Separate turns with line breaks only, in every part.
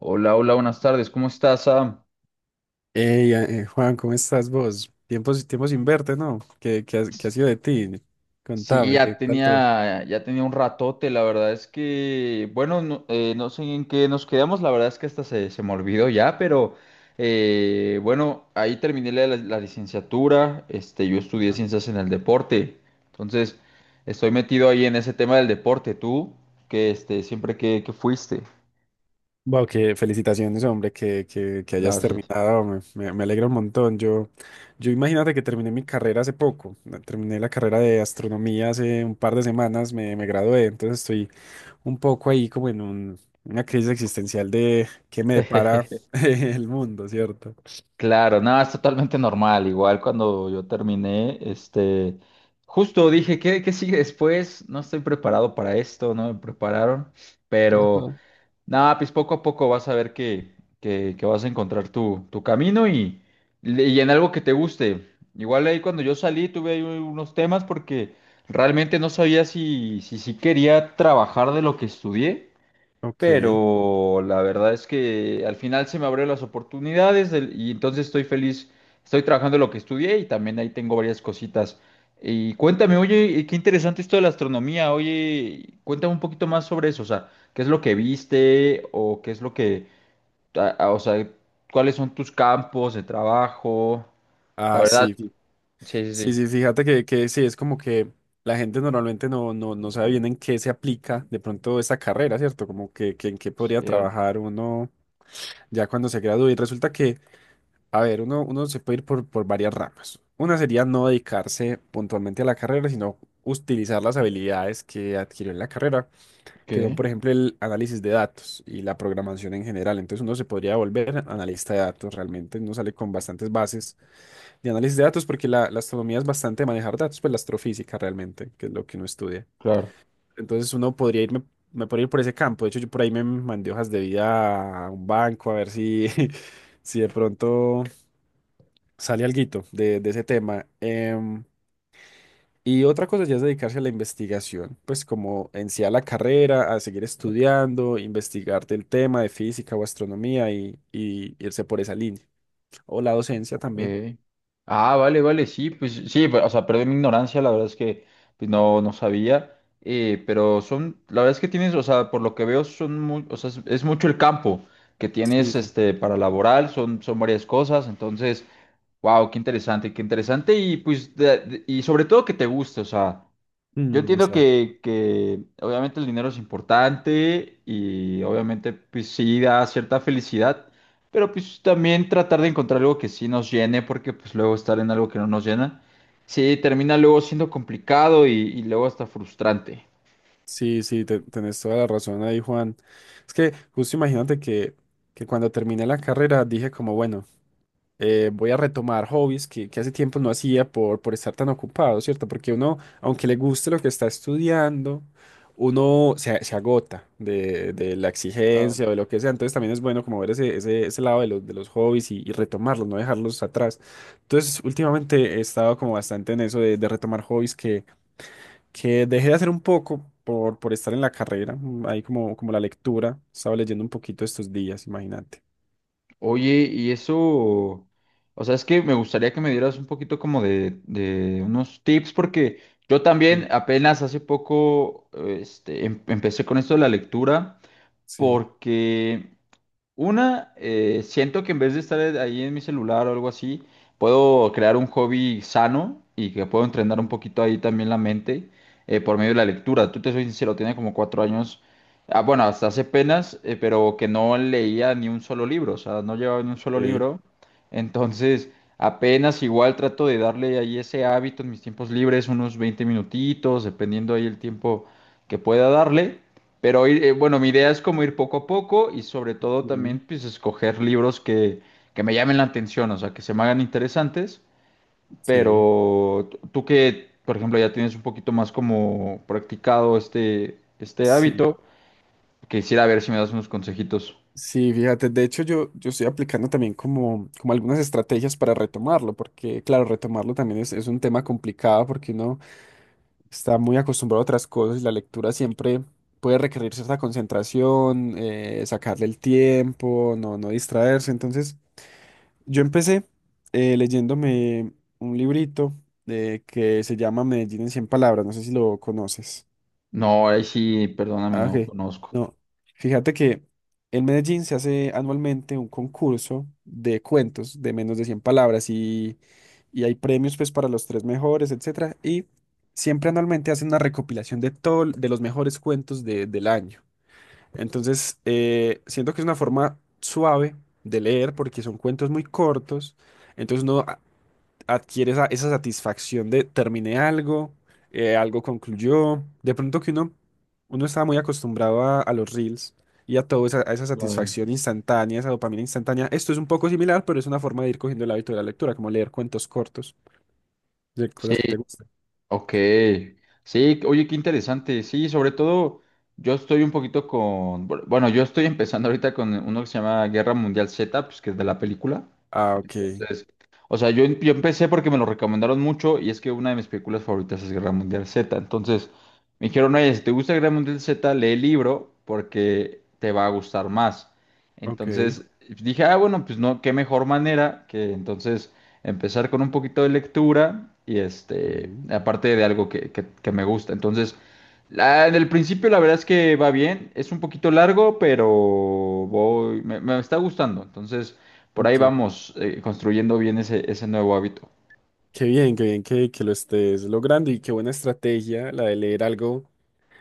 Hola, hola, buenas tardes. ¿Cómo estás, Sam?
Ey, Juan, ¿cómo estás vos? Tiempos, tiempos sin verte, ¿no? ¿ Qué ha sido de ti?
Sí,
Contame,
ya
¿qué tal todo?
tenía, ya tenía un ratote. La verdad es que, bueno, no, no sé en qué nos quedamos. La verdad es que hasta se me olvidó ya, pero bueno, ahí terminé la licenciatura. Este, yo estudié ciencias en el deporte. Entonces, estoy metido ahí en ese tema del deporte. ¿Tú? Que este, siempre que fuiste.
Wow, que felicitaciones, hombre, que hayas
Gracias.
terminado, me alegra un montón. Yo imagínate que terminé mi carrera hace poco, ¿no? Terminé la carrera de astronomía hace un par de semanas, me gradué, entonces estoy un poco ahí como en una crisis existencial de qué me depara el mundo, ¿cierto?
Claro, nada, es totalmente normal. Igual cuando yo terminé, este, justo dije, ¿qué sigue después? No estoy preparado para esto, no me prepararon, pero
Ajá.
nada, pues poco a poco vas a ver que vas a encontrar tu camino y en algo que te guste. Igual ahí cuando yo salí tuve ahí unos temas porque realmente no sabía si quería trabajar de lo que estudié,
Ok.
pero la verdad es que al final se me abrieron las oportunidades y entonces estoy feliz, estoy trabajando lo que estudié y también ahí tengo varias cositas. Y cuéntame, oye, y qué interesante esto de la astronomía, oye, cuéntame un poquito más sobre eso, o sea, ¿qué es lo que viste o qué es lo que, o sea, cuáles son tus campos de trabajo? La
Ah,
verdad,
sí.
sí, sí,
Sí,
sí.
sí, fíjate que sí, es como que la gente normalmente no sabe bien en qué se aplica de pronto esta carrera, ¿cierto? Como que en qué podría
Cier-
trabajar uno ya cuando se gradúe. Y resulta que, a ver, uno se puede ir por varias ramas. Una sería no dedicarse puntualmente a la carrera, sino utilizar las habilidades que adquirió en la carrera, que son,
¿Qué?
por ejemplo, el análisis de datos y la programación en general. Entonces uno se podría volver analista de datos, realmente uno sale con bastantes bases de análisis de datos, porque la astronomía es bastante manejar datos, pues la astrofísica realmente, que es lo que uno estudia.
Claro.
Entonces me podría ir por ese campo. De hecho, yo por ahí me mandé hojas de vida a un banco a ver si, si de pronto sale alguito de ese tema. Y otra cosa ya es dedicarse a la investigación, pues como en sí a la carrera, a seguir estudiando, investigar del tema de física o astronomía y irse por esa línea. O la docencia también.
Ok. Ah, vale, vale, sí, pues sí, pero, o sea, perdón mi ignorancia, la verdad es que pues, no, no sabía, pero son, la verdad es que tienes, o sea, por lo que veo, son muy, o sea, es mucho el campo que
Sí,
tienes
sí.
este, para laboral, son, son varias cosas, entonces, wow, qué interesante, y pues, y sobre todo que te guste, o sea, yo
Mm,
entiendo
exacto.
que obviamente el dinero es importante y obviamente pues sí da cierta felicidad, pero pues también tratar de encontrar algo que sí nos llene, porque pues luego estar en algo que no nos llena, sí termina luego siendo complicado y luego hasta frustrante.
Sí, sí, tenés toda la razón ahí, Juan. Es que justo imagínate que cuando terminé la carrera dije como, bueno, voy a retomar hobbies que hace tiempo no hacía por estar tan ocupado, ¿cierto? Porque uno, aunque le guste lo que está estudiando, uno se agota de la
Claro.
exigencia o de lo que sea. Entonces también es bueno como ver ese lado de los hobbies y retomarlos, no dejarlos atrás. Entonces últimamente he estado como bastante en eso de retomar hobbies que dejé de hacer un poco por estar en la carrera, ahí como la lectura, estaba leyendo un poquito estos días, imagínate.
Oye, y eso, o sea, es que me gustaría que me dieras un poquito como de unos tips, porque yo
Mm.
también apenas hace poco, este, empecé con esto de la lectura,
Sí.
porque... Una, siento que en vez de estar ahí en mi celular o algo así, puedo crear un hobby sano y que puedo entrenar un
Mm.
poquito ahí también la mente por medio de la lectura. Tú te soy sincero, tiene como cuatro años, ah, bueno, hasta hace penas, pero que no leía ni un solo libro, o sea, no llevaba ni un solo
eh,
libro. Entonces, apenas igual trato de darle ahí ese hábito en mis tiempos libres, unos 20 minutitos, dependiendo ahí el tiempo que pueda darle. Pero ir, bueno, mi idea es como ir poco a poco y sobre todo
mm,
también pues escoger libros que me llamen la atención, o sea, que se me hagan interesantes,
sí,
pero tú que, por ejemplo, ya tienes un poquito más como practicado este, este
sí,
hábito, quisiera ver si me das unos consejitos.
sí, fíjate, de hecho yo estoy aplicando también como algunas estrategias para retomarlo, porque claro, retomarlo también es un tema complicado porque uno está muy acostumbrado a otras cosas y la lectura siempre... Puede requerir cierta concentración, sacarle el tiempo, no distraerse. Entonces, yo empecé leyéndome un librito que se llama Medellín en cien palabras, no sé si lo conoces.
No, ahí sí, perdóname,
Ah,
no
ok.
conozco.
No. Fíjate que en Medellín se hace anualmente un concurso de cuentos de menos de 100 palabras y hay premios pues para los tres mejores, etcétera. Y siempre anualmente hacen una recopilación de todo, de los mejores cuentos del año. Entonces, siento que es una forma suave de leer porque son cuentos muy cortos. Entonces, no adquiere esa satisfacción de terminé algo, algo concluyó. De pronto que uno estaba muy acostumbrado a los reels y a toda a esa
Claro.
satisfacción instantánea, esa dopamina instantánea. Esto es un poco similar, pero es una forma de ir cogiendo el hábito de la lectura, como leer cuentos cortos de
Sí,
cosas que te gustan.
ok, sí, oye, qué interesante, sí, sobre todo yo estoy un poquito con, bueno, yo estoy empezando ahorita con uno que se llama Guerra Mundial Z, pues que es de la película,
Ah, ok,
entonces, o sea, yo, yo empecé porque me lo recomendaron mucho y es que una de mis películas favoritas es Guerra Mundial Z. Entonces, me dijeron, oye, si te gusta Guerra Mundial Z, lee el libro porque te va a gustar más.
ok.
Entonces, dije, ah, bueno, pues no, qué mejor manera que entonces empezar con un poquito de lectura y este,
Mm,
aparte de algo que, que me gusta. Entonces, la, en el principio la verdad es que va bien, es un poquito largo, pero voy, me está gustando. Entonces por ahí
ok.
vamos construyendo bien ese, ese nuevo hábito.
Qué bien que lo estés logrando y qué buena estrategia la de leer algo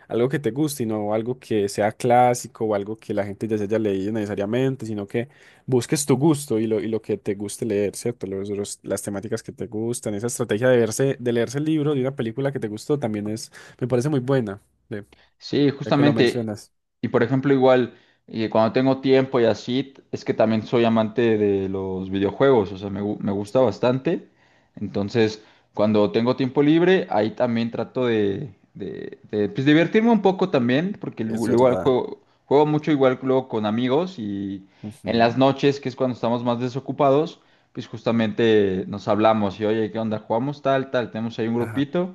algo que te guste y no algo que sea clásico o algo que la gente ya se haya leído necesariamente, sino que busques tu gusto y lo que te guste leer, ¿cierto? Las temáticas que te gustan, esa estrategia de verse, de leerse el libro de una película que te gustó también es, me parece muy buena, de-
Sí,
ya que lo
justamente.
mencionas.
Y por ejemplo, igual, cuando tengo tiempo y así, es que también soy amante de los videojuegos, o sea, me, me gusta
Sí.
bastante. Entonces, cuando tengo tiempo libre, ahí también trato de, de, pues, divertirme un poco también, porque
Es
luego al
verdad.
juego, juego mucho igual luego con amigos y en las
Ujú.
noches, que es cuando estamos más desocupados, pues justamente nos hablamos y, oye, ¿qué onda? ¿Jugamos tal, tal? Tenemos ahí un
Ajá.
grupito.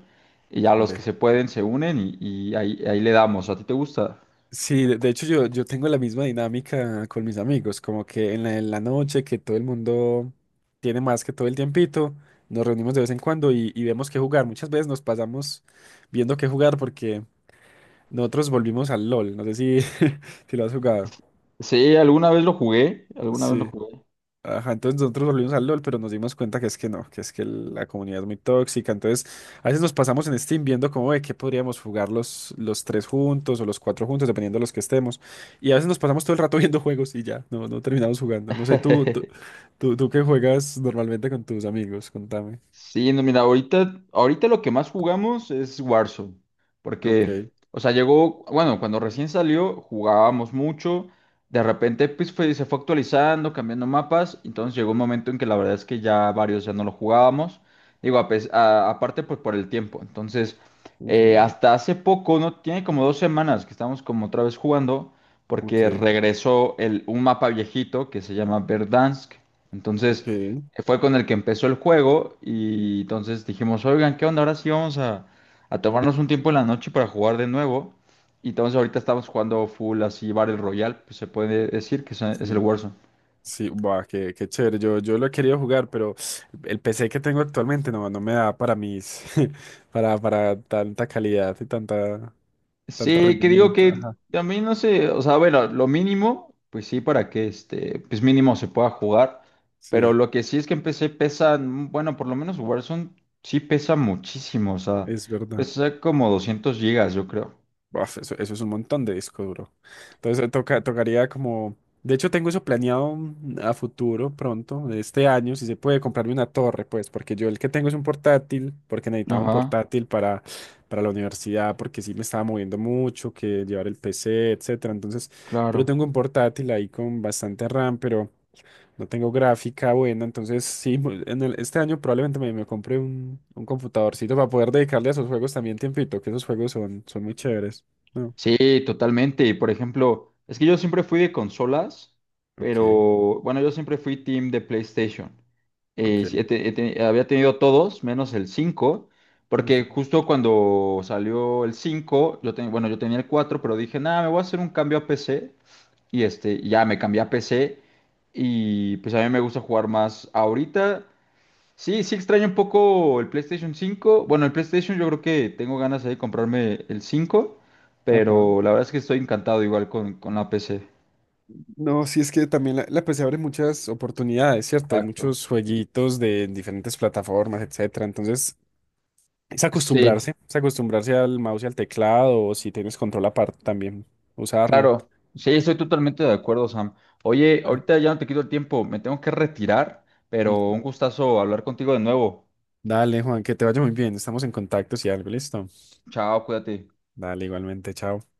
Y ya los que
Ve.
se pueden se unen y ahí, ahí le damos. ¿A ti te gusta?
Sí, de hecho yo tengo la misma dinámica con mis amigos, como que en en la noche que todo el mundo tiene más que todo el tiempito, nos reunimos de vez en cuando y vemos qué jugar. Muchas veces nos pasamos viendo qué jugar porque nosotros volvimos al LOL, no sé si, si lo has jugado.
Sí, alguna vez lo jugué, alguna vez lo
Sí.
jugué.
Ajá, entonces nosotros volvimos al LOL, pero nos dimos cuenta que es que no, que es que la comunidad es muy tóxica. Entonces, a veces nos pasamos en Steam viendo cómo de qué podríamos jugar los tres juntos o los cuatro juntos, dependiendo de los que estemos. Y a veces nos pasamos todo el rato viendo juegos y ya, no terminamos jugando. No sé, tú, tú, tú, tú qué juegas normalmente con tus amigos, contame.
Sí, no, mira, ahorita lo que más jugamos es Warzone, porque,
Ok.
o sea, llegó, bueno, cuando recién salió jugábamos mucho, de repente pues se fue actualizando, cambiando mapas, entonces llegó un momento en que la verdad es que ya varios ya no lo jugábamos, digo, a aparte pues por el tiempo, entonces
Ujú.
hasta hace poco, no, tiene como 2 semanas que estamos como otra vez jugando, porque
Ok,
regresó el, un mapa viejito que se llama Verdansk, entonces
ok,
que fue con el que empezó el juego y entonces dijimos, oigan, ¿qué onda? Ahora sí vamos a tomarnos un tiempo en la noche para jugar de nuevo. Y entonces ahorita estamos jugando full así Battle Royale, pues se puede decir que es el
sí.
Warzone.
Sí, buah, qué chévere. Yo lo he querido jugar, pero el PC que tengo actualmente no me da para mis, para tanta calidad y tanto
Sí, que digo
rendimiento.
que
Ajá.
también no sé, o sea, bueno, lo mínimo, pues sí, para que este, pues mínimo se pueda jugar, pero
Sí,
lo que sí es que empecé pesan, bueno, por lo menos Warzone sí pesa muchísimo, o sea,
es verdad.
pesa como 200 gigas, yo creo.
Buf, eso es un montón de disco duro. Entonces tocaría como... De hecho, tengo eso planeado a futuro, pronto, este año, si se puede comprarme una torre, pues, porque yo el que tengo es un portátil, porque necesitaba un
Ajá,
portátil para la universidad, porque sí me estaba moviendo mucho, que llevar el PC, etcétera. Entonces, pero
claro.
tengo un portátil ahí con bastante RAM, pero... No tengo gráfica buena, entonces sí, este año probablemente me compre un computadorcito para poder dedicarle a esos juegos también tiempito, que esos juegos son muy chéveres. No,
Sí, totalmente. Y por ejemplo, es que yo siempre fui de consolas,
ok,
pero bueno, yo siempre fui team de PlayStation.
ok.
Sí, había tenido todos, menos el 5,
Ujú.
porque justo cuando salió el 5, yo bueno, yo tenía el 4, pero dije, nada, me voy a hacer un cambio a PC. Y este, y ya me cambié a PC. Y pues a mí me gusta jugar más ahorita. Sí, sí extraño un poco el PlayStation 5. Bueno, el PlayStation yo creo que tengo ganas ahí de comprarme el 5,
Ajá.
pero la verdad es que estoy encantado igual con la PC.
No, sí es que también la PC abre muchas oportunidades, ¿cierto? Hay
Exacto.
muchos jueguitos de en diferentes plataformas, etcétera. Entonces,
Sí,
es acostumbrarse al mouse y al teclado, o si tienes control aparte también, usarlo.
claro. Sí, estoy totalmente de acuerdo, Sam. Oye,
Ah.
ahorita ya no te quito el tiempo, me tengo que retirar, pero
Ujú.
un gustazo hablar contigo de nuevo.
Dale, Juan, que te vaya muy bien. Estamos en contacto si algo, listo.
Chao, cuídate.
Dale, igualmente, chao.